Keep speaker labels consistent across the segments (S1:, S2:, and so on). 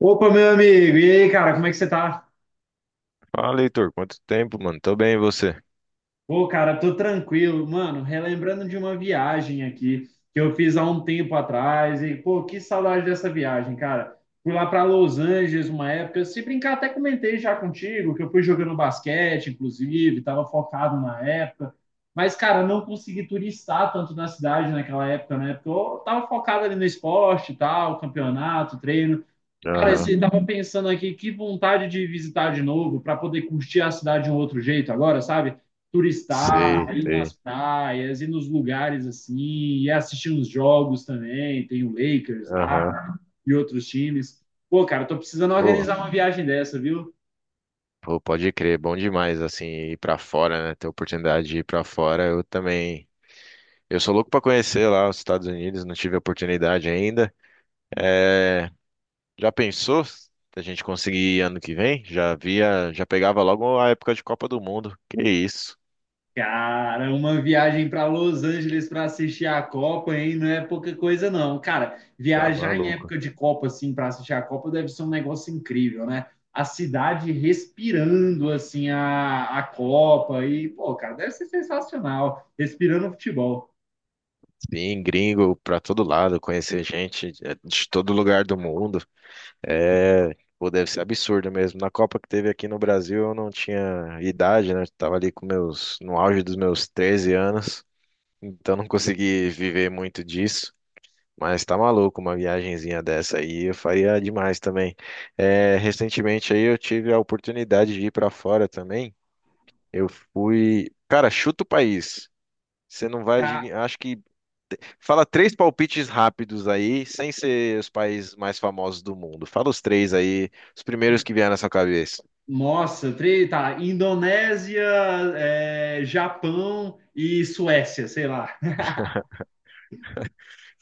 S1: Opa, meu amigo, e aí, cara, como é que você tá?
S2: Fala, Heitor, quanto tempo, mano? Tô bem, e você?
S1: Pô, cara, tô tranquilo, mano, relembrando de uma viagem aqui que eu fiz há um tempo atrás e, pô, que saudade dessa viagem, cara. Fui lá pra Los Angeles uma época, se brincar, até comentei já contigo que eu fui jogando basquete, inclusive, tava focado na época, mas, cara, não consegui turistar tanto na cidade naquela época, né? Porque eu tava focado ali no esporte e tal, campeonato, treino. Cara,
S2: Aham,
S1: você estavam pensando aqui, que vontade de visitar de novo para poder curtir a cidade de um outro jeito agora, sabe?
S2: sei,
S1: Turistar, ir nas
S2: sei.
S1: praias, ir nos lugares assim, e assistir uns jogos também. Tem o Lakers
S2: Aham,
S1: lá e outros times. Pô, cara, tô precisando
S2: Pô,
S1: organizar uma viagem dessa, viu?
S2: pô, pode crer, bom demais, assim, ir pra fora, né? Ter oportunidade de ir pra fora, eu também. Eu sou louco pra conhecer lá os Estados Unidos, não tive a oportunidade ainda. É, já pensou se a gente conseguir ir ano que vem? Já via, já pegava logo a época de Copa do Mundo. Que isso?
S1: Cara, uma viagem para Los Angeles para assistir a Copa, hein? Não é pouca coisa, não. Cara,
S2: Tá
S1: viajar em
S2: maluco.
S1: época de Copa, assim, para assistir a Copa deve ser um negócio incrível, né? A cidade respirando, assim, a Copa. E, pô, cara, deve ser sensacional. Respirando futebol.
S2: Sim, gringo pra todo lado, conhecer gente é, de todo lugar do mundo. É, pô, deve ser absurdo mesmo. Na Copa que teve aqui no Brasil, eu não tinha idade, né? Eu tava ali com meus, no auge dos meus 13 anos, então não consegui viver muito disso. Mas tá maluco, uma viagenzinha dessa aí eu faria demais também. É, recentemente aí eu tive a oportunidade de ir pra fora também. Eu fui, cara, chuta o país. Você não vai
S1: Ca-
S2: adivinhar, acho que fala três palpites rápidos aí, sem ser os países mais famosos do mundo. Fala os três aí, os primeiros que vieram na sua cabeça.
S1: Nossa, tá. Indonésia, é, Japão e Suécia, sei lá.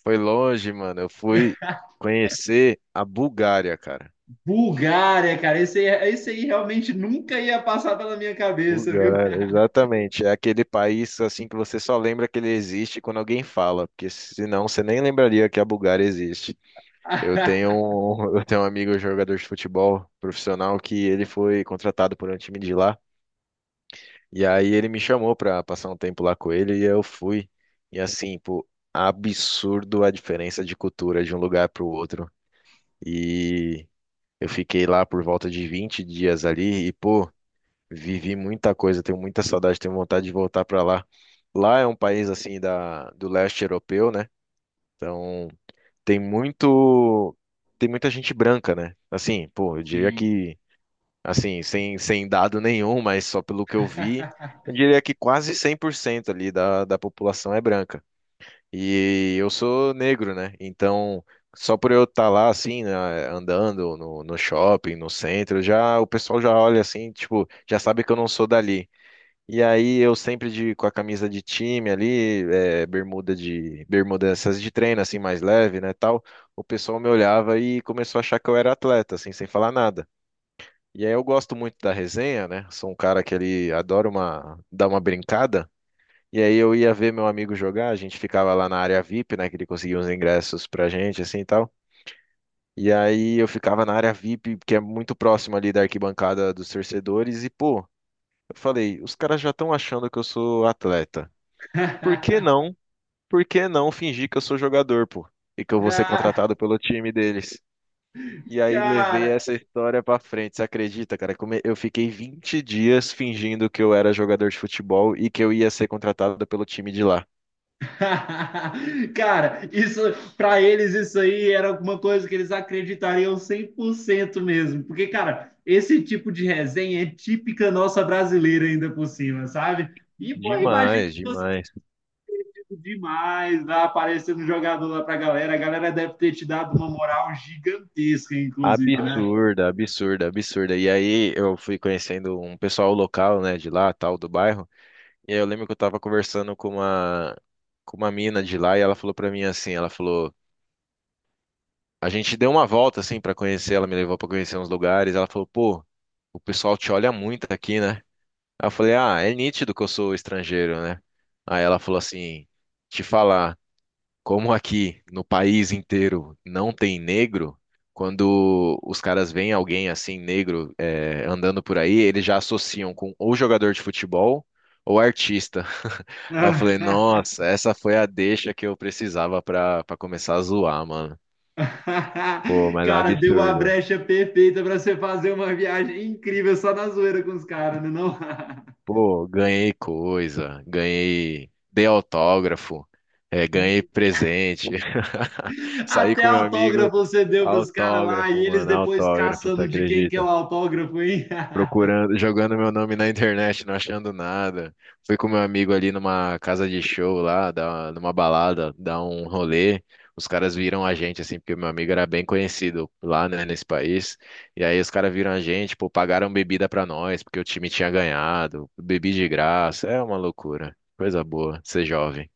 S2: Foi longe, mano. Eu fui conhecer a Bulgária, cara.
S1: Bulgária, cara, esse aí realmente nunca ia passar pela minha cabeça, viu?
S2: Bulgária, exatamente. É aquele país assim que você só lembra que ele existe quando alguém fala, porque senão você nem lembraria que a Bulgária existe. Eu tenho um amigo jogador de futebol profissional que ele foi contratado por um time de lá. E aí ele me chamou pra passar um tempo lá com ele e eu fui. E assim, pô, absurdo a diferença de cultura de um lugar pro outro. E eu fiquei lá por volta de 20 dias ali e, pô, vivi muita coisa, tenho muita saudade, tenho vontade de voltar pra lá. Lá é um país assim da do leste europeu, né? Então, tem muito tem muita gente branca, né? Assim, pô, eu diria
S1: Sim.
S2: que assim, sem dado nenhum, mas só pelo que eu vi, eu diria que quase 100% ali da população é branca. E eu sou negro, né? Então, só por eu estar lá, assim, né, andando no shopping, no centro, já o pessoal já olha assim, tipo, já sabe que eu não sou dali. E aí eu sempre com a camisa de time ali, é, bermuda essas de treino assim mais leve, né, tal. O pessoal me olhava e começou a achar que eu era atleta, assim, sem falar nada. E aí eu gosto muito da resenha, né? Sou um cara que ele adora uma, dar uma brincada. E aí eu ia ver meu amigo jogar, a gente ficava lá na área VIP, né? Que ele conseguia uns ingressos pra gente, assim e tal. E aí eu ficava na área VIP, que é muito próximo ali da arquibancada dos torcedores, e pô, eu falei, os caras já estão achando que eu sou atleta. Por que não? Por que não fingir que eu sou jogador, pô? E que eu vou ser
S1: Ah,
S2: contratado pelo time deles? E aí levei
S1: cara,
S2: essa história pra frente. Você acredita, cara? Como Eu fiquei 20 dias fingindo que eu era jogador de futebol e que eu ia ser contratado pelo time de lá.
S1: cara, isso para eles isso aí era alguma coisa que eles acreditariam 100% mesmo, porque cara, esse tipo de resenha é típica nossa brasileira ainda por cima, sabe? E pô, imagina
S2: Demais,
S1: que você
S2: demais.
S1: riu demais lá aparecendo um jogador lá pra galera, a galera deve ter te dado uma moral gigantesca, inclusive, né?
S2: Absurda, absurda, absurda. E aí eu fui conhecendo um pessoal local, né, de lá, tal, do bairro. E aí eu lembro que eu tava conversando com uma mina de lá e ela falou pra mim assim, ela falou, a gente deu uma volta assim pra conhecer, ela me levou pra conhecer uns lugares, ela falou, pô, o pessoal te olha muito aqui, né? Aí eu falei, ah, é nítido que eu sou estrangeiro, né? Aí ela falou assim, te falar, como aqui no país inteiro não tem negro, quando os caras veem alguém assim, negro, andando por aí, eles já associam com ou jogador de futebol ou artista. Aí eu falei, nossa, essa foi a deixa que eu precisava pra começar a zoar, mano. Pô, mas é um
S1: Cara, deu a
S2: absurdo.
S1: brecha perfeita para você fazer uma viagem incrível só na zoeira com os caras, né? Não?
S2: Pô, ganhei coisa, ganhei, dei autógrafo, ganhei presente. Saí
S1: Até
S2: com meu amigo,
S1: autógrafo você deu para os caras lá e
S2: autógrafo,
S1: eles
S2: mano,
S1: depois
S2: autógrafo, você
S1: caçando de quem que é o
S2: acredita?
S1: autógrafo, hein?
S2: Procurando, jogando meu nome na internet, não achando nada. Fui com meu amigo ali numa casa de show lá, numa balada, dar um rolê. Os caras viram a gente, assim, porque meu amigo era bem conhecido lá, né, nesse país. E aí os caras viram a gente, pô, pagaram bebida pra nós, porque o time tinha ganhado. Bebi de graça, é uma loucura. Coisa boa, ser jovem.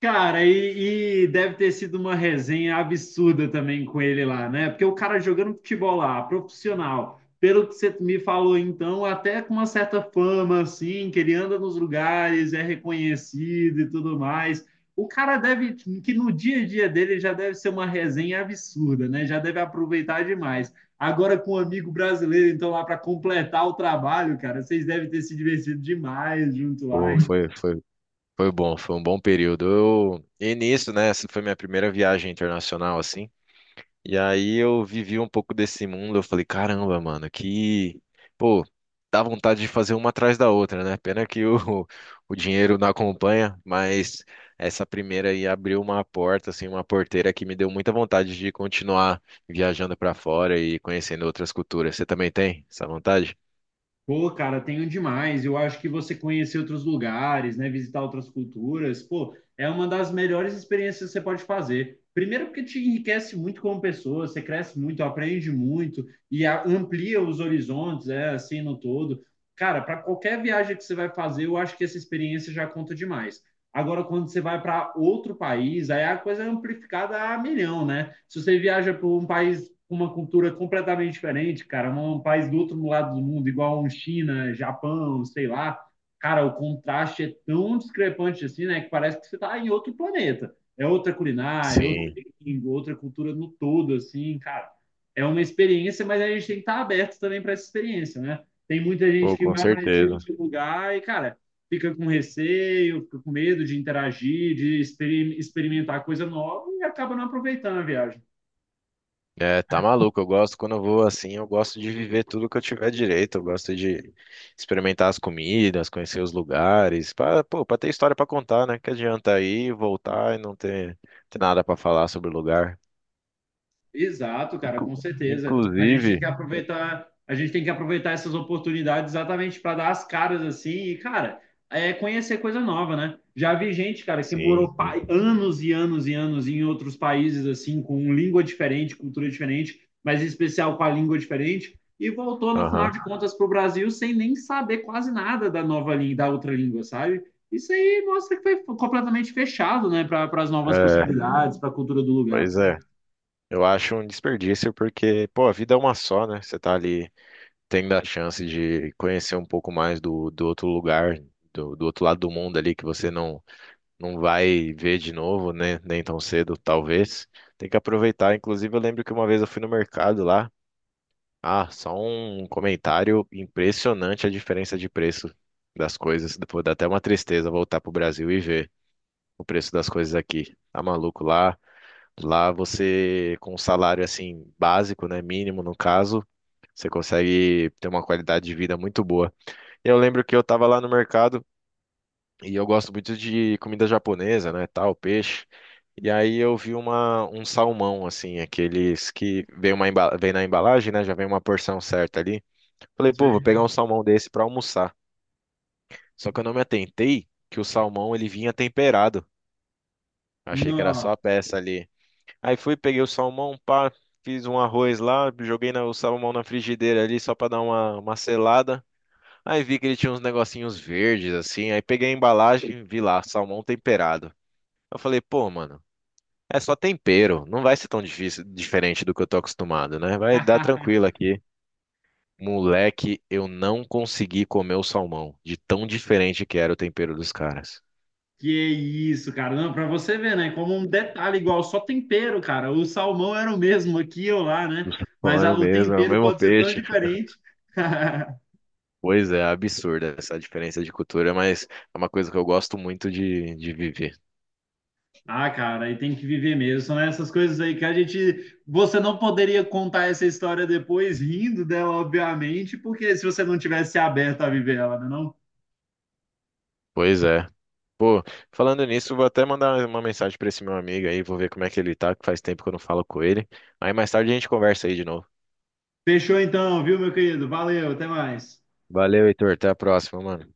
S1: Cara, e deve ter sido uma resenha absurda também com ele lá, né? Porque o cara jogando futebol lá, profissional, pelo que você me falou então, até com uma certa fama, assim, que ele anda nos lugares, é reconhecido e tudo mais. O cara deve, que no dia a dia dele já deve ser uma resenha absurda, né? Já deve aproveitar demais. Agora com um amigo brasileiro, então, lá para completar o trabalho, cara, vocês devem ter se divertido demais junto lá,
S2: Pô,
S1: hein?
S2: foi, foi bom, foi um bom período. Eu, e nisso, né, essa foi minha primeira viagem internacional, assim. E aí eu vivi um pouco desse mundo, eu falei, caramba, mano, que, pô, dá vontade de fazer uma atrás da outra, né? Pena que o dinheiro não acompanha, mas essa primeira aí abriu uma porta, assim, uma porteira que me deu muita vontade de continuar viajando pra fora e conhecendo outras culturas. Você também tem essa vontade?
S1: Pô, cara, tenho demais. Eu acho que você conhecer outros lugares, né, visitar outras culturas, pô, é uma das melhores experiências que você pode fazer. Primeiro porque te enriquece muito como pessoa, você cresce muito, aprende muito e amplia os horizontes, é assim no todo. Cara, para qualquer viagem que você vai fazer, eu acho que essa experiência já conta demais. Agora, quando você vai para outro país, aí a coisa é amplificada a milhão, né? Se você viaja para um país com uma cultura completamente diferente, cara, um país do outro lado do mundo, igual um China, Japão, sei lá, cara, o contraste é tão discrepante assim, né, que parece que você está em outro planeta. É outra culinária, é outra
S2: Sim,
S1: língua, outra cultura no todo, assim, cara. É uma experiência, mas a gente tem que estar aberto também para essa experiência, né? Tem muita gente
S2: pô,
S1: que
S2: com
S1: vai para esse tipo
S2: certeza.
S1: de lugar e, cara, fica com receio, fica com medo de interagir, de experimentar coisa nova e acaba não aproveitando a viagem.
S2: É, tá maluco. Eu gosto quando eu vou assim, eu gosto de viver tudo que eu tiver direito. Eu gosto de experimentar as comidas, conhecer os lugares, pô, para ter história para contar, né? Que adianta ir, voltar e ter nada para falar sobre o lugar.
S1: Exato, cara,
S2: Inclu-
S1: com certeza. A gente tem que
S2: inclusive,
S1: aproveitar, a gente tem que aproveitar essas oportunidades exatamente para dar as caras assim e, cara, é conhecer coisa nova, né? Já vi gente, cara, que
S2: sim,
S1: morou
S2: sim.
S1: anos e anos e anos em outros países assim, com língua diferente, cultura diferente, mas em especial com a língua diferente, e voltou no final
S2: Aham.
S1: de contas para o Brasil sem nem saber quase nada da nova língua, da outra língua, sabe? Isso aí mostra que foi completamente fechado, né, para as novas
S2: É,
S1: possibilidades, para a cultura do lugar.
S2: pois é. Eu acho um desperdício porque, pô, a vida é uma só, né? Você tá ali tendo a chance de conhecer um pouco mais do outro lugar, do outro lado do mundo ali que você não vai ver de novo, né? Nem tão cedo, talvez. Tem que aproveitar. Inclusive, eu lembro que uma vez eu fui no mercado lá. Ah, só um comentário impressionante a diferença de preço das coisas. Depois dá até uma tristeza voltar pro Brasil e ver o preço das coisas aqui. Tá maluco lá? Lá você, com um salário assim básico, né? Mínimo no caso, você consegue ter uma qualidade de vida muito boa. Eu lembro que eu tava lá no mercado. E eu gosto muito de comida japonesa, né, tal, peixe. E aí eu vi um salmão, assim, aqueles que vem, vem na embalagem, né, já vem uma porção certa ali. Falei, pô, vou
S1: Sim.
S2: pegar um salmão desse pra almoçar. Só que eu não me atentei que o salmão, ele vinha temperado. Achei que era só
S1: Não.
S2: a peça ali. Aí fui, peguei o salmão, pá, fiz um arroz lá, o salmão na frigideira ali só pra dar uma selada. Aí vi que ele tinha uns negocinhos verdes, assim, aí peguei a embalagem, vi lá, salmão temperado. Eu falei, pô, mano, é só tempero, não vai ser tão difícil, diferente do que eu tô acostumado, né? Vai dar tranquilo aqui. Moleque, eu não consegui comer o salmão, de tão diferente que era o tempero dos caras.
S1: Que isso, cara. Não, pra você ver, né? Como um detalhe igual, só tempero, cara. O salmão era o mesmo aqui ou lá, né?
S2: Pô,
S1: Mas
S2: era o
S1: o
S2: mesmo, é o
S1: tempero
S2: mesmo
S1: pode ser tão
S2: peixe.
S1: diferente.
S2: Pois é, absurda essa diferença de cultura, mas é uma coisa que eu gosto muito de viver.
S1: Ah, cara, aí tem que viver mesmo. São essas coisas aí que a gente. Você não poderia contar essa história depois, rindo dela, obviamente, porque se você não tivesse aberto a viver ela, né? Não?
S2: Pois é. Pô, falando nisso, vou até mandar uma mensagem pra esse meu amigo aí, vou ver como é que ele tá, que faz tempo que eu não falo com ele. Aí mais tarde a gente conversa aí de novo.
S1: Fechou então, viu, meu querido? Valeu, até mais.
S2: Valeu, Heitor, até a próxima, mano.